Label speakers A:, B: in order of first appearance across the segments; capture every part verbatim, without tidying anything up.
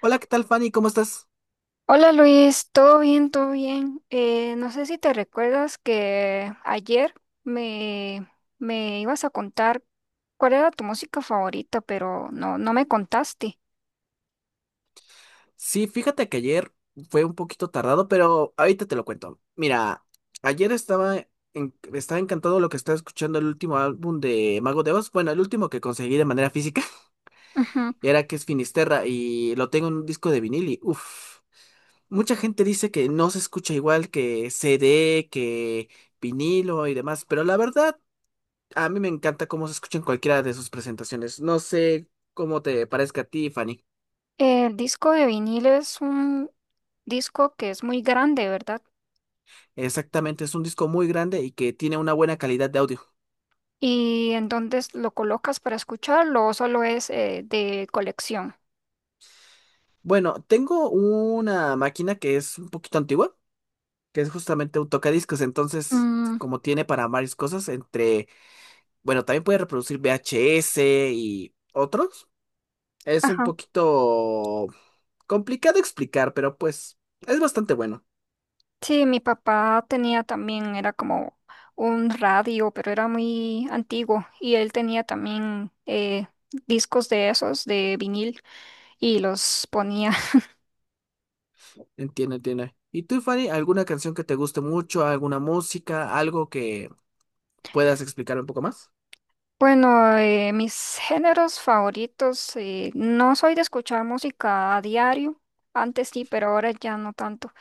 A: Hola, ¿qué tal, Fanny? ¿Cómo estás?
B: Hola Luis, todo bien, todo bien. Eh, no sé si te recuerdas que ayer me, me ibas a contar cuál era tu música favorita, pero no, no me contaste.
A: Sí, fíjate que ayer fue un poquito tardado, pero ahorita te lo cuento. Mira, ayer estaba, en- estaba encantado lo que estaba escuchando el último álbum de Mago de Oz. Bueno, el último que conseguí de manera física,
B: Ujú.
A: y era que es Finisterra, y lo tengo en un disco de vinil y uff. Mucha gente dice que no se escucha igual que C D, que vinilo y demás, pero la verdad, a mí me encanta cómo se escucha en cualquiera de sus presentaciones. No sé cómo te parezca a ti, Fanny.
B: El disco de vinilo es un disco que es muy grande, ¿verdad?
A: Exactamente, es un disco muy grande y que tiene una buena calidad de audio.
B: ¿Y en dónde lo colocas para escucharlo o solo es eh, de colección?
A: Bueno, tengo una máquina que es un poquito antigua, que es justamente un tocadiscos, entonces
B: Mm,
A: como tiene para varias cosas, entre, bueno, también puede reproducir V H S y otros. Es un
B: ajá.
A: poquito complicado explicar, pero pues es bastante bueno.
B: Sí, mi papá tenía también, era como un radio, pero era muy antiguo y él tenía también eh, discos de esos, de vinil, y los ponía.
A: Entiende, entiende. ¿Y tú, Fanny, alguna canción que te guste mucho, alguna música, algo que puedas explicar un poco más?
B: Bueno, eh, mis géneros favoritos, eh, no soy de escuchar música a diario, antes sí, pero ahora ya no tanto.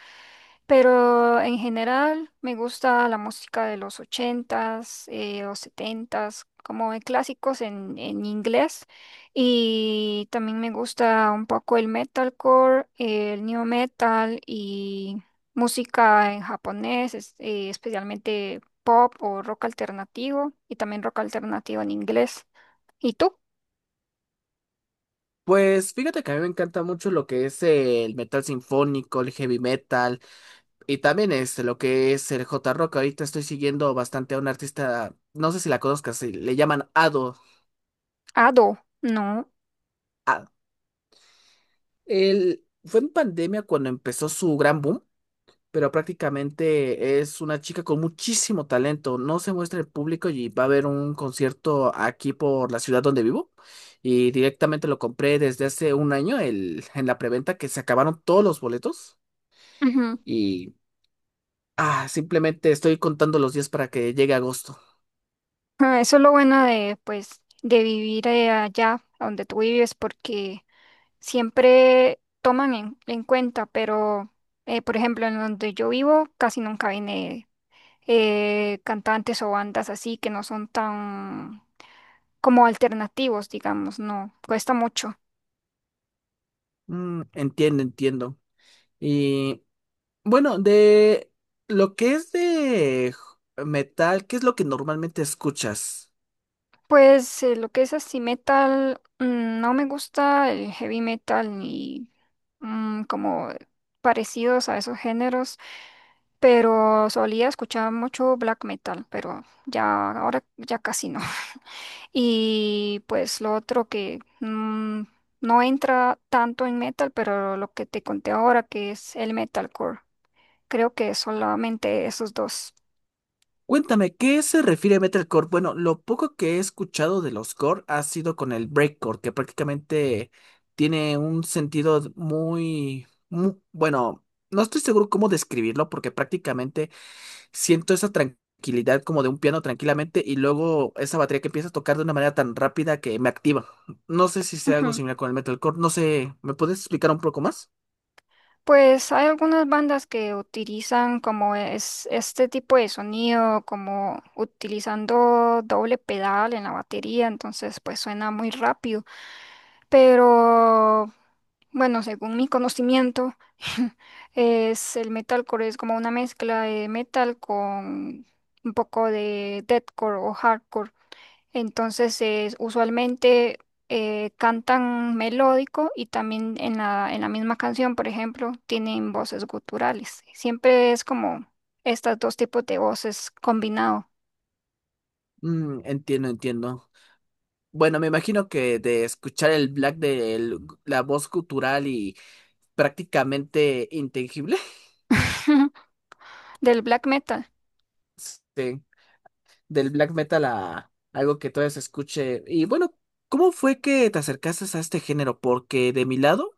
B: Pero en general me gusta la música de los ochentas eh, o setentas, como de clásicos en, en inglés. Y también me gusta un poco el metalcore, el new metal y música en japonés, es- eh, especialmente pop o rock alternativo y también rock alternativo en inglés. ¿Y tú?
A: Pues fíjate que a mí me encanta mucho lo que es el metal sinfónico, el heavy metal y también este, lo que es el J-Rock. Ahorita estoy siguiendo bastante a una artista, no sé si la conozcas, sí, le llaman Ado.
B: Ado, no.
A: Él fue en pandemia cuando empezó su gran boom, pero prácticamente es una chica con muchísimo talento. No se muestra el público y va a haber un concierto aquí por la ciudad donde vivo. Y directamente lo compré desde hace un año el, en la preventa que se acabaron todos los boletos.
B: Ujú.
A: Y ah, simplemente estoy contando los días para que llegue agosto.
B: Ah, eso es lo bueno de, pues, de vivir eh, allá donde tú vives porque siempre toman en, en cuenta, pero eh, por ejemplo, en donde yo vivo casi nunca viene eh, cantantes o bandas así que no son tan como alternativos, digamos, no, cuesta mucho.
A: Mm, entiendo, entiendo. Y bueno, de lo que es de j- metal, ¿qué es lo que normalmente escuchas?
B: Pues eh, lo que es así metal, mm, no me gusta el heavy metal ni mm, como parecidos a esos géneros, pero solía escuchar mucho black metal, pero ya ahora ya casi no. Y pues lo otro que mm, no entra tanto en metal, pero lo que te conté ahora, que es el metalcore. Creo que solamente esos dos.
A: Cuéntame, ¿qué se refiere a metalcore? Bueno, lo poco que he escuchado de los core ha sido con el breakcore, que prácticamente tiene un sentido muy, mu- bueno, no estoy seguro cómo describirlo, porque prácticamente siento esa tranquilidad como de un piano tranquilamente y luego esa batería que empieza a tocar de una manera tan rápida que me activa. No sé si sea algo
B: Ujú.
A: similar con el metalcore, no sé, ¿me puedes explicar un poco más?
B: Pues hay algunas bandas que utilizan como es este tipo de sonido, como utilizando doble pedal en la batería, entonces pues suena muy rápido. Pero bueno, según mi conocimiento, es el metalcore es como una mezcla de metal con un poco de deathcore o hardcore. Entonces, es- usualmente eh, cantan melódico y también en la, en la misma canción, por ejemplo, tienen voces guturales. Siempre es como estos dos tipos de voces combinado
A: Mm, entiendo, entiendo. Bueno, me imagino que de escuchar el black de la voz cultural y prácticamente intangible,
B: del black metal.
A: sí del black metal a algo que todavía se escuche. Y bueno, ¿cómo fue que te acercaste a este género? Porque de mi lado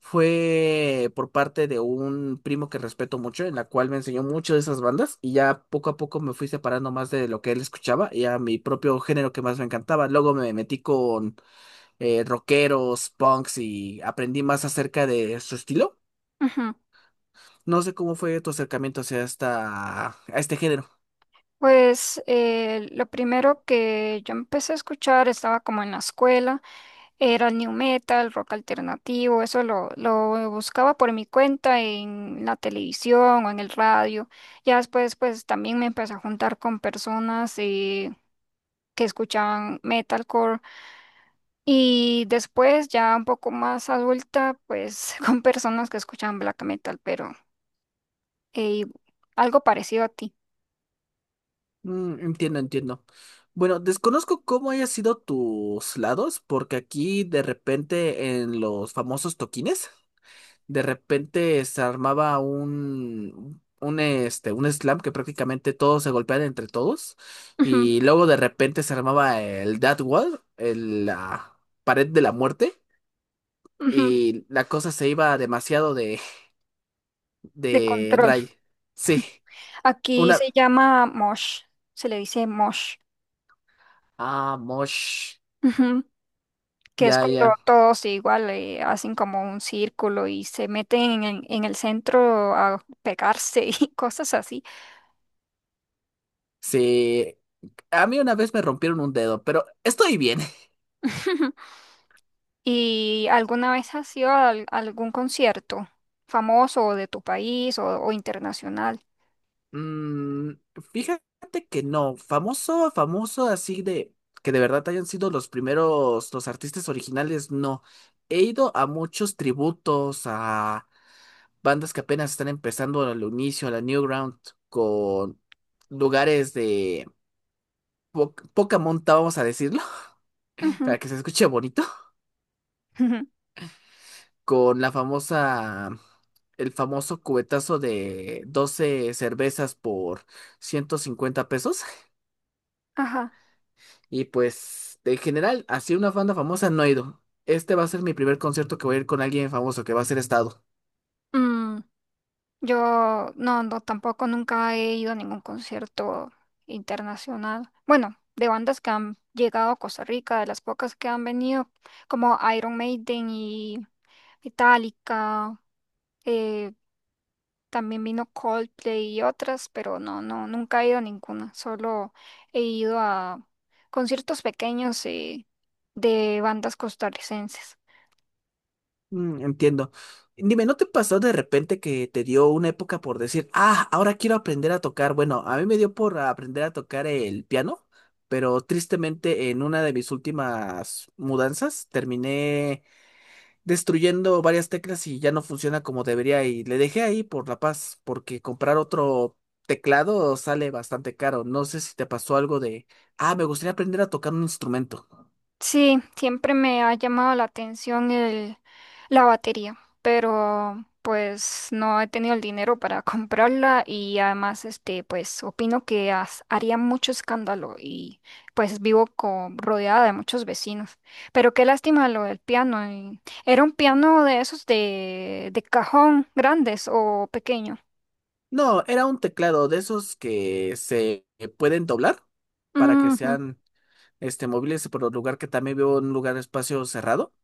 A: fue por parte de un primo que respeto mucho, en la cual me enseñó mucho de esas bandas y ya poco a poco me fui separando más de lo que él escuchaba y a mi propio género que más me encantaba. Luego me metí con eh, rockeros, punks y aprendí más acerca de su estilo. No sé cómo fue tu acercamiento hacia esta, a este género.
B: Pues eh, lo primero que yo empecé a escuchar estaba como en la escuela, era el new metal, rock alternativo, eso lo, lo buscaba por mi cuenta en la televisión o en el radio. Ya después pues también me empecé a juntar con personas eh, que escuchaban metalcore y después ya un poco más adulta pues con personas que escuchaban black metal, pero eh, algo parecido a ti.
A: Mm, entiendo, entiendo. Bueno, desconozco cómo hayan sido tus lados, porque aquí de repente en los famosos toquines, de repente se armaba un, un, este, un slam que prácticamente todos se golpeaban entre todos,
B: Ujú,
A: y luego de repente se armaba el Death Wall, el- la pared de la muerte,
B: ujú,
A: y la cosa se iba demasiado de,
B: de
A: de
B: control.
A: ray. Sí,
B: Aquí
A: una...
B: se llama mosh, se le dice mosh,
A: Ah, mosh.
B: ujú, que es
A: Ya,
B: cuando
A: ya.
B: todos igual eh, hacen como un círculo y se meten en, en el centro a pegarse y cosas así.
A: Sí, a mí una vez me rompieron un dedo, pero estoy bien.
B: ¿Y alguna vez has ido a al- algún concierto famoso o de tu país o, o internacional?
A: Mm, fíjate que no, famoso, famoso así de que de verdad hayan sido los primeros, los artistas originales, no. He ido a muchos tributos, a bandas que apenas están empezando al inicio, a la Newground, con lugares de po- poca monta, vamos a decirlo,
B: Ujú,
A: para que se escuche bonito.
B: ujú,
A: Con la famosa, el famoso cubetazo de doce cervezas por ciento cincuenta pesos.
B: ajá.
A: Y pues, en general, así una banda famosa no he ido. Este va a ser mi primer concierto que voy a ir con alguien famoso, que va a ser Estado.
B: Mm. Yo no, no, tampoco nunca he ido a ningún concierto internacional. Bueno, de bandas que han llegado a Costa Rica, de las pocas que han venido, como Iron Maiden y Metallica, eh, también vino Coldplay y otras, pero no, no, nunca he ido a ninguna. Solo he ido a conciertos pequeños eh, de bandas costarricenses.
A: Mm, entiendo. Dime, ¿no te pasó de repente que te dio una época por decir, ah, ahora quiero aprender a tocar? Bueno, a mí me dio por aprender a tocar el piano, pero tristemente en una de mis últimas mudanzas terminé destruyendo varias teclas y ya no funciona como debería y le dejé ahí por la paz, porque comprar otro teclado sale bastante caro. No sé si te pasó algo de, ah, me gustaría aprender a tocar un instrumento.
B: Sí, siempre me ha llamado la atención el, la batería, pero pues no he tenido el dinero para comprarla y además este pues opino que has- haría mucho escándalo y pues vivo co- rodeada de muchos vecinos. Pero qué lástima lo del piano. Y- ¿Era un piano de esos de, de cajón grandes o pequeño?
A: No, era un teclado de esos que se pueden doblar para que
B: Ujú,
A: sean este móviles, por el lugar que también veo un lugar espacio cerrado.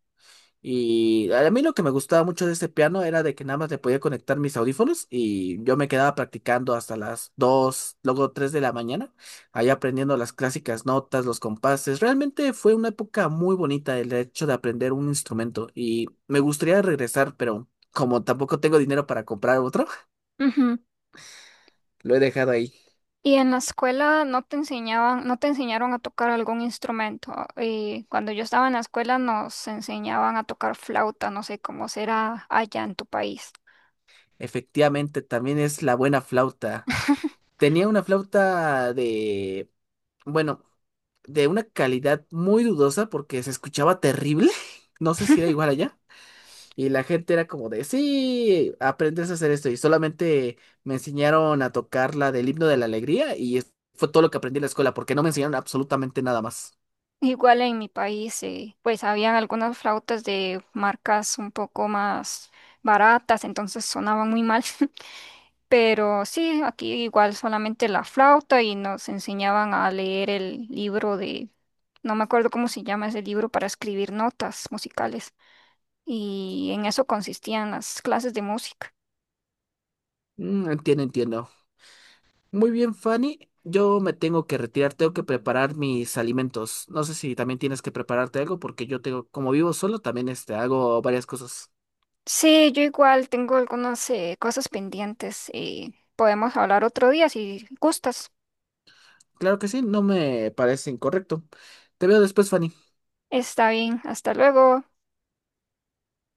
A: Y a mí lo que me gustaba mucho de este piano era de que nada más le podía conectar mis audífonos y yo me quedaba practicando hasta las dos luego tres de la mañana, ahí aprendiendo las clásicas notas, los compases. Realmente fue una época muy bonita el hecho de aprender un instrumento y me gustaría regresar, pero como tampoco tengo dinero para comprar otro,
B: ujú.
A: lo he dejado ahí.
B: ¿Y en la escuela no te enseñaban, no te enseñaron a tocar algún instrumento? Eh, cuando yo estaba en la escuela nos enseñaban a tocar flauta, no sé cómo será allá en tu país.
A: Efectivamente, también es la buena flauta. Tenía una flauta de bueno, de una calidad muy dudosa porque se escuchaba terrible. No sé si era igual allá. Y la gente era como de, sí, aprendes a hacer esto. Y solamente me enseñaron a tocar la del himno de la alegría y es- fue todo lo que aprendí en la escuela porque no me enseñaron absolutamente nada más.
B: Igual en mi país, eh, pues habían algunas flautas de marcas un poco más baratas, entonces sonaban muy mal. Pero sí, aquí igual solamente la flauta y nos enseñaban a leer el libro de, no me acuerdo cómo se llama ese libro para escribir notas musicales. Y en eso consistían las clases de música.
A: Mm, entiendo, entiendo. Muy bien, Fanny. Yo me tengo que retirar, tengo que preparar mis alimentos. No sé si también tienes que prepararte algo porque yo tengo, como vivo solo, también este, hago varias cosas.
B: Sí, yo igual tengo algunas eh, cosas pendientes. Eh, podemos hablar otro día si gustas.
A: Claro que sí, no me parece incorrecto. Te veo después, Fanny.
B: Está bien, hasta luego.